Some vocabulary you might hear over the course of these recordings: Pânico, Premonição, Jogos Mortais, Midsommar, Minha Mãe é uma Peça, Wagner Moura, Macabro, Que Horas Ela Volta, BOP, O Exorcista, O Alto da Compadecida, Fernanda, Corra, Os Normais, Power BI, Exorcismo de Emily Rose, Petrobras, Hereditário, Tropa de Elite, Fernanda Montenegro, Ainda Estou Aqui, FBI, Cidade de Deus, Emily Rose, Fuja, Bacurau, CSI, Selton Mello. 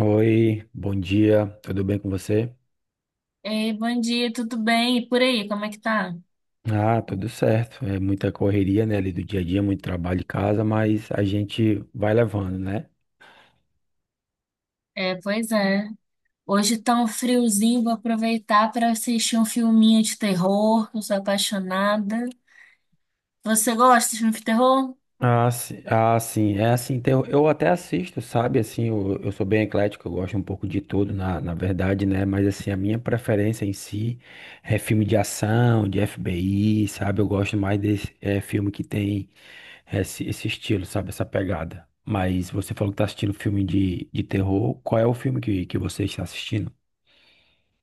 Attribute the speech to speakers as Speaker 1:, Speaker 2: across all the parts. Speaker 1: Oi, bom dia, tudo bem com você?
Speaker 2: Ei, bom dia, tudo bem? E por aí, como é que tá?
Speaker 1: Tudo certo. É muita correria, né, ali do dia a dia, muito trabalho em casa, mas a gente vai levando, né?
Speaker 2: É, pois é. Hoje tá um friozinho, vou aproveitar para assistir um filminho de terror, que eu sou apaixonada. Você gosta de filme de terror?
Speaker 1: Ah, sim, ah, sim. É assim, eu até assisto, sabe? Assim, eu sou bem eclético, eu gosto um pouco de tudo, na verdade, né? Mas assim, a minha preferência em si é filme de ação, de FBI, sabe? Eu gosto mais desse filme que tem. Esse esse estilo, sabe? Essa pegada. Mas você falou que tá assistindo filme de terror. Qual é o filme que você está assistindo?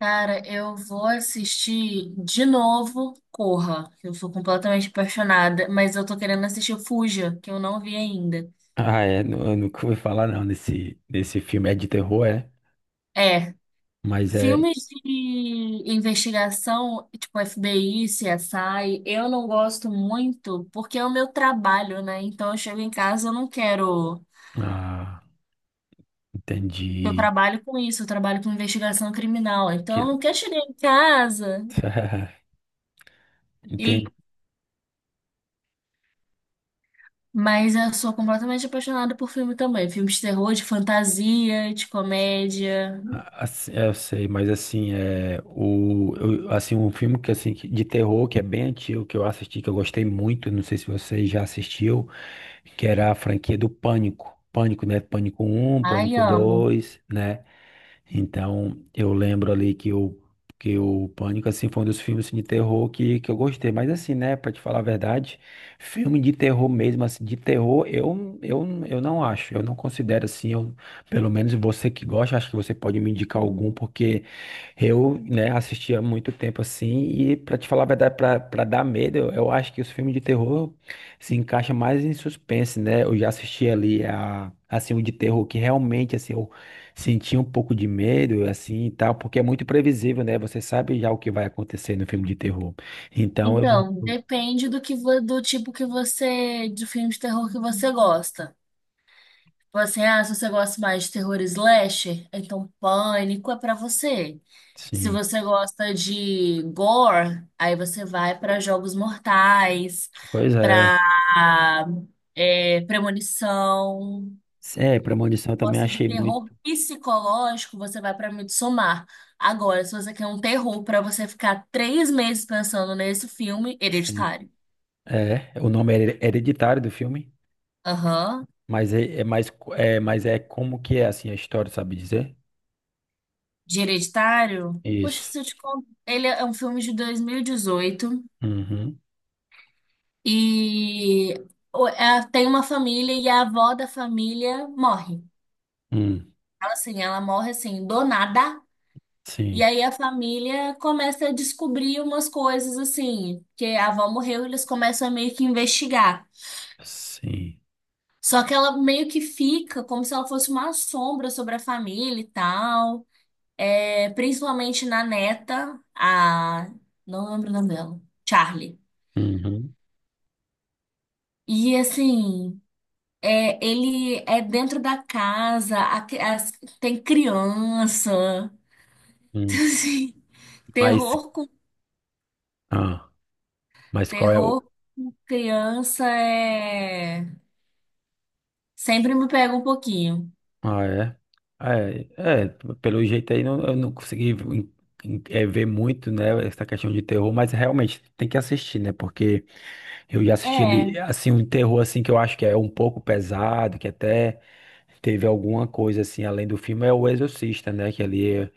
Speaker 2: Cara, eu vou assistir de novo Corra, que eu sou completamente apaixonada, mas eu tô querendo assistir o Fuja, que eu não vi ainda.
Speaker 1: Ah, é. Eu nunca ouvi falar, não, nesse filme. É de terror, é?
Speaker 2: É,
Speaker 1: Mas é.
Speaker 2: filmes de investigação, tipo FBI, CSI, eu não gosto muito porque é o meu trabalho, né? Então eu chego em casa, eu não quero.
Speaker 1: Ah,
Speaker 2: Eu
Speaker 1: entendi.
Speaker 2: trabalho com isso, eu trabalho com investigação criminal. Então eu
Speaker 1: Que...
Speaker 2: não quero chegar em casa e.
Speaker 1: Entendi.
Speaker 2: Mas eu sou completamente apaixonada por filme também. Filmes de terror, de fantasia, de comédia.
Speaker 1: Assim, eu sei, mas assim, assim, um filme que de terror que é bem antigo, que eu assisti, que eu gostei muito, não sei se você já assistiu, que era a franquia do Pânico. Pânico, né? Pânico um,
Speaker 2: Ai,
Speaker 1: Pânico
Speaker 2: amo.
Speaker 1: 2 né? Então, eu lembro ali que o Pânico, assim, foi um dos filmes assim, de terror que eu gostei. Mas assim, né, pra te falar a verdade, filme de terror mesmo, assim, de terror, eu não acho. Eu não considero assim, eu, pelo menos você que gosta, acho que você pode me indicar algum, porque eu, né, assisti há muito tempo assim, e pra te falar a verdade, pra dar medo, eu acho que os filmes de terror se encaixam mais em suspense, né? Eu já assisti ali a, assim, um de terror que realmente, assim, eu senti um pouco de medo, assim, e tal, porque é muito previsível, né? Você sabe já o que vai acontecer no filme de terror. Então, eu
Speaker 2: Então,
Speaker 1: não...
Speaker 2: depende do tipo que você, de filme de terror que você gosta. Se você gosta mais de terror slasher, então Pânico é pra você. Se
Speaker 1: Sim,
Speaker 2: você gosta de gore, aí você vai pra Jogos Mortais,
Speaker 1: pois é.
Speaker 2: pra Premonição.
Speaker 1: É, Premonição eu também
Speaker 2: Gosta de
Speaker 1: achei
Speaker 2: terror
Speaker 1: muito,
Speaker 2: psicológico, você vai pra Midsommar. Agora, se você quer um terror pra você ficar 3 meses pensando nesse filme,
Speaker 1: assim,
Speaker 2: Hereditário.
Speaker 1: é, o nome é hereditário do filme.
Speaker 2: Aham.
Speaker 1: Mas é, mas é como que é assim a história, sabe dizer?
Speaker 2: De Hereditário? Poxa,
Speaker 1: Isso.
Speaker 2: se eu te conto. Ele é um filme de 2018.
Speaker 1: Uhum.
Speaker 2: E ela tem uma família e a avó da família morre.
Speaker 1: Hum.
Speaker 2: Ela, assim, ela morre assim, do nada. E
Speaker 1: Sim.
Speaker 2: aí a família começa a descobrir umas coisas assim, que a avó morreu, eles começam a meio que investigar.
Speaker 1: Sim.
Speaker 2: Só que ela meio que fica como se ela fosse uma sombra sobre a família e tal. É, principalmente na neta, a. Não lembro o nome dela. Charlie.
Speaker 1: Uhum.
Speaker 2: E assim. É, ele é dentro da casa, tem criança.
Speaker 1: Hum.
Speaker 2: Assim,
Speaker 1: Mas,
Speaker 2: terror com
Speaker 1: ah, mas qual é o.
Speaker 2: terror com criança sempre me pega um pouquinho.
Speaker 1: Ah, é? Ah, É, é, pelo jeito aí não, eu não consegui é, ver muito, né, essa questão de terror, mas realmente tem que assistir, né? Porque eu já assisti
Speaker 2: É,
Speaker 1: ele, assim, um terror, assim, que eu acho que é um pouco pesado, que até teve alguma coisa, assim, além do filme, é O Exorcista, né? Que ali é,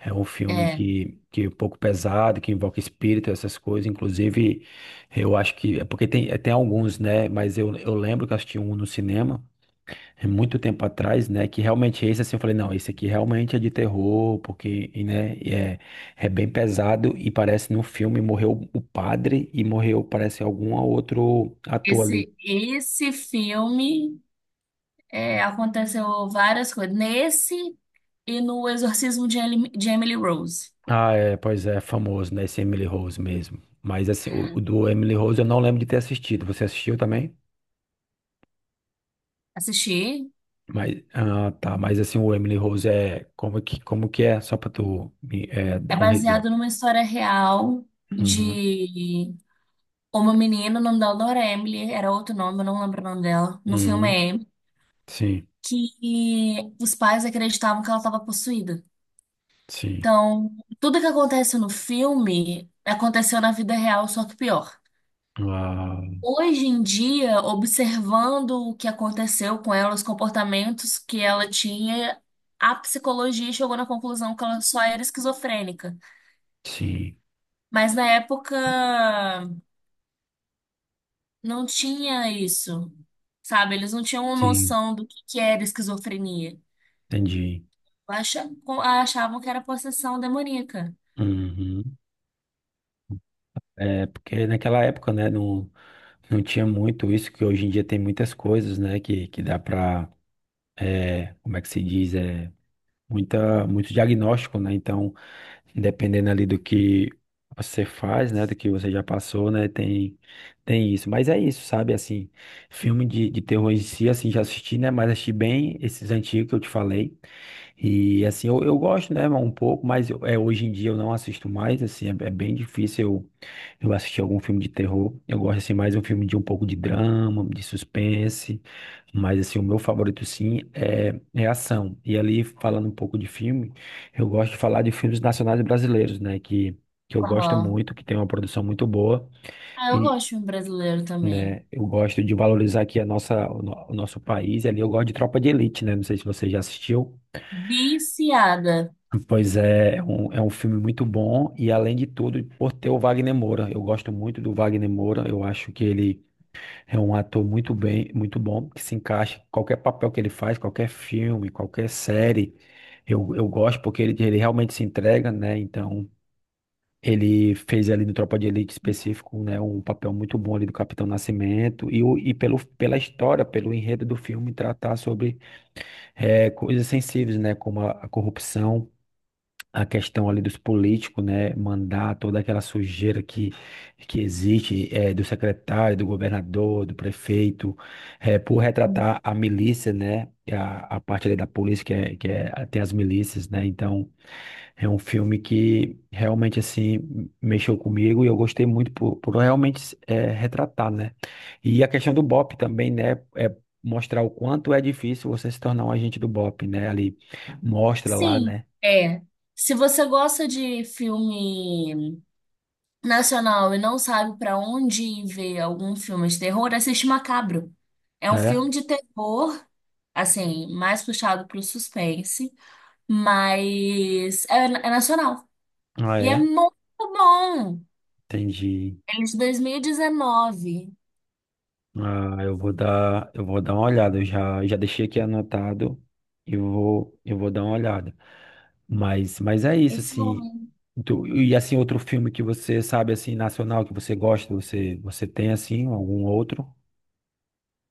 Speaker 1: é um filme
Speaker 2: é.
Speaker 1: que é um pouco pesado, que invoca espírito, essas coisas. Inclusive, eu acho que, é porque tem alguns, né? Mas eu lembro que eu assisti um no cinema, é muito tempo atrás, né? Que realmente esse assim, eu falei, não, esse aqui realmente é de terror, porque, e, né, e é, é bem pesado e parece no filme morreu o padre e morreu, parece, algum outro ator ali.
Speaker 2: Esse filme aconteceu várias coisas nesse e no Exorcismo de Emily Rose.
Speaker 1: Ah, é, pois é, famoso, né? Esse Emily Rose mesmo. Mas assim, o do Emily Rose eu não lembro de ter assistido. Você assistiu também?
Speaker 2: Assisti.
Speaker 1: Mas, ah, tá, mas assim, o Emily Rose é como que é? Só pra tu me, é,
Speaker 2: É
Speaker 1: dar um resumo.
Speaker 2: baseado numa história real
Speaker 1: Uhum,
Speaker 2: de uma menina, o nome dela não era Emily, era outro nome, eu não lembro o nome dela. No filme
Speaker 1: uhum,
Speaker 2: é Emily,
Speaker 1: sim,
Speaker 2: que os pais acreditavam que ela estava possuída.
Speaker 1: sim.
Speaker 2: Então, tudo que acontece no filme aconteceu na vida real, só que pior.
Speaker 1: Ah,
Speaker 2: Hoje em dia, observando o que aconteceu com ela, os comportamentos que ela tinha, a psicologia chegou na conclusão que ela só era esquizofrênica.
Speaker 1: sim.
Speaker 2: Mas na época não tinha isso, sabe? Eles não tinham
Speaker 1: Sim,
Speaker 2: noção do que era esquizofrenia.
Speaker 1: entendi.
Speaker 2: Achavam que era possessão demoníaca.
Speaker 1: Uhum. É, porque naquela época, né, não, não tinha muito isso, que hoje em dia tem muitas coisas, né, que dá para, como é que se diz, é, muito diagnóstico, né, então, dependendo ali do que você faz, né, do que você já passou, né, tem, tem isso. Mas é isso, sabe, assim, filme de terror em si, assim, já assisti, né, mas assisti bem esses antigos que eu te falei. E assim, eu gosto, né, um pouco, mas é, hoje em dia eu não assisto mais, assim, é, é bem difícil eu assistir algum filme de terror. Eu gosto, assim, mais um filme de um pouco de drama, de suspense, mas, assim, o meu favorito, sim, é, é ação. E ali, falando um pouco de filme, eu gosto de falar de filmes nacionais brasileiros, né, que eu gosto
Speaker 2: Aham.
Speaker 1: muito, que tem uma produção muito boa
Speaker 2: Ah, eu
Speaker 1: e...
Speaker 2: gosto de filme brasileiro também.
Speaker 1: Né? Eu gosto de valorizar aqui a nossa, o no- o nosso país, e ali eu gosto de Tropa de Elite, né? Não sei se você já assistiu.
Speaker 2: Viciada.
Speaker 1: Pois é, é um filme muito bom e além de tudo, por ter o Wagner Moura, eu gosto muito do Wagner Moura, eu acho que ele é um ator muito bem, muito bom, que se encaixa em qualquer papel que ele faz, qualquer filme, qualquer série, eu gosto porque ele realmente se entrega, né? Então, ele fez ali no Tropa de Elite específico, né, um papel muito bom ali do Capitão Nascimento e, o, pela história, pelo enredo do filme tratar sobre coisas sensíveis, né, como a corrupção, a questão ali dos políticos, né, mandar toda aquela sujeira que existe do secretário, do governador, do prefeito, por retratar a milícia, né, a parte ali da polícia tem as milícias, né, então é um filme que realmente, assim, mexeu comigo e eu gostei muito por realmente retratar, né, e a questão do BOP também, né, é mostrar o quanto é difícil você se tornar um agente do BOP, né, ali mostra lá,
Speaker 2: Sim,
Speaker 1: né,
Speaker 2: é. Se você gosta de filme nacional e não sabe pra onde ir ver algum filme de terror, assiste Macabro. É um
Speaker 1: é,
Speaker 2: filme de terror, assim, mais puxado pro suspense, mas é nacional.
Speaker 1: ah,
Speaker 2: E é
Speaker 1: é.
Speaker 2: muito bom.
Speaker 1: Entendi.
Speaker 2: É de 2019.
Speaker 1: Ah, eu vou dar uma olhada. Eu já, já deixei aqui anotado e vou, eu vou dar uma olhada. Mas é isso,
Speaker 2: Esse
Speaker 1: assim.
Speaker 2: ano.
Speaker 1: E assim, outro filme que você sabe, assim, nacional, que você gosta, você, você tem, assim, algum outro?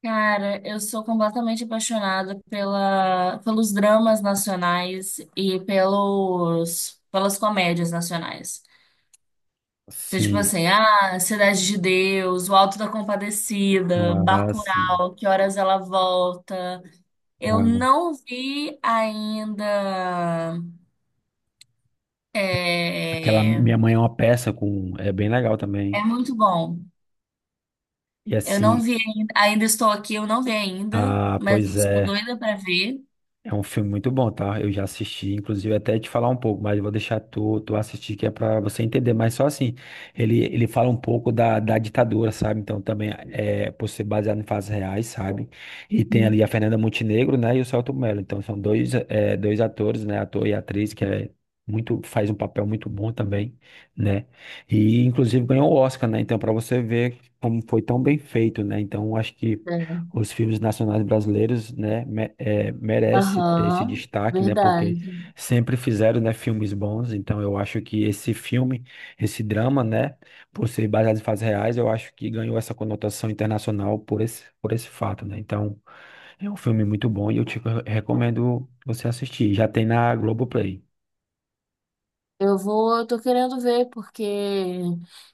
Speaker 2: Cara, eu sou completamente apaixonada pelos dramas nacionais e pelas comédias nacionais. Então, tipo
Speaker 1: Sim.
Speaker 2: assim, ah, Cidade de Deus, O Alto da Compadecida,
Speaker 1: Ah, sim.
Speaker 2: Bacurau, Que Horas Ela Volta. Eu
Speaker 1: Ah,
Speaker 2: não vi ainda.
Speaker 1: aquela
Speaker 2: É,
Speaker 1: Minha Mãe é uma Peça com, é bem legal
Speaker 2: é
Speaker 1: também.
Speaker 2: muito bom.
Speaker 1: E
Speaker 2: Eu não
Speaker 1: assim,
Speaker 2: vi ainda, ainda estou aqui, eu não vi ainda,
Speaker 1: ah,
Speaker 2: mas
Speaker 1: pois
Speaker 2: estou
Speaker 1: é.
Speaker 2: doida para ver.
Speaker 1: É um filme muito bom, tá? Eu já assisti, inclusive até te falar um pouco, mas eu vou deixar tu, tu assistir que é pra você entender. Mas só assim, ele fala um pouco da, da ditadura, sabe? Então também é por ser baseado em fatos reais, sabe? E tem
Speaker 2: Uhum.
Speaker 1: ali a Fernanda Montenegro, né? E o Selton Mello. Então são dois, é, dois atores, né? Ator e atriz que é muito faz um papel muito bom também, né? E inclusive ganhou o Oscar, né? Então para você ver como foi tão bem feito, né? Então acho que
Speaker 2: É.
Speaker 1: os filmes nacionais brasileiros, né, me, é, merece ter esse
Speaker 2: Aham,
Speaker 1: destaque, né, porque
Speaker 2: verdade.
Speaker 1: sempre fizeram, né, filmes bons, então eu acho que esse filme, esse drama, né, por ser baseado em fatos reais, eu acho que ganhou essa conotação internacional por esse fato, né, então é um filme muito bom e eu te recomendo você assistir, já tem na Globoplay,
Speaker 2: Eu tô querendo ver, porque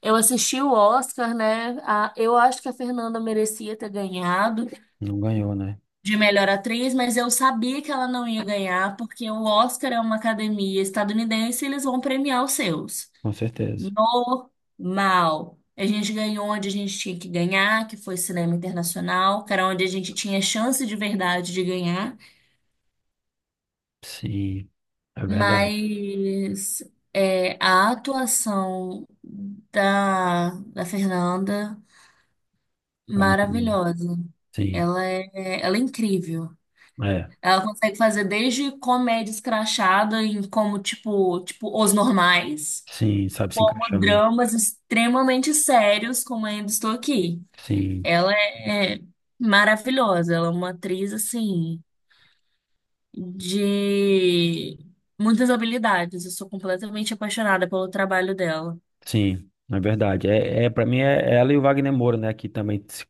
Speaker 2: eu assisti o Oscar, né? Eu acho que a Fernanda merecia ter ganhado
Speaker 1: não ganhou, né,
Speaker 2: de melhor atriz, mas eu sabia que ela não ia ganhar, porque o Oscar é uma academia estadunidense e eles vão premiar os seus.
Speaker 1: com certeza,
Speaker 2: Normal. A gente ganhou onde a gente tinha que ganhar, que foi cinema internacional, que era onde a gente tinha chance de verdade de ganhar,
Speaker 1: sim, é verdade,
Speaker 2: mas a atuação da Fernanda,
Speaker 1: é muito bom,
Speaker 2: maravilhosa.
Speaker 1: sim,
Speaker 2: Ela é incrível.
Speaker 1: é,
Speaker 2: Ela consegue fazer desde comédia escrachada em como, tipo, Os Normais,
Speaker 1: sim, sabe se
Speaker 2: como
Speaker 1: encaixar, né,
Speaker 2: dramas extremamente sérios, como Ainda Estou Aqui.
Speaker 1: sim.
Speaker 2: Ela é maravilhosa, ela é uma atriz assim de muitas habilidades. Eu sou completamente apaixonada pelo trabalho dela.
Speaker 1: Sim, é verdade. É, é para mim é ela e o Wagner Moura, né, que também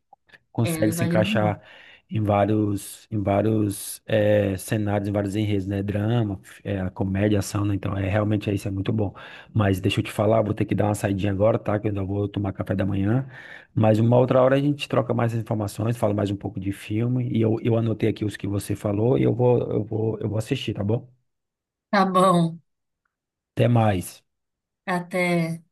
Speaker 2: Ela
Speaker 1: consegue
Speaker 2: e o
Speaker 1: se
Speaker 2: Wagner
Speaker 1: encaixar
Speaker 2: Moura.
Speaker 1: em vários eh, cenários, em vários enredos, né, drama, é, comédia, ação, né? Então é realmente é isso é muito bom. Mas deixa eu te falar, vou ter que dar uma saidinha agora, tá? Que eu ainda vou tomar café da manhã. Mas uma outra hora a gente troca mais informações, fala mais um pouco de filme e eu anotei aqui os que você falou e eu vou assistir, tá bom?
Speaker 2: Tá bom,
Speaker 1: Até mais.
Speaker 2: até.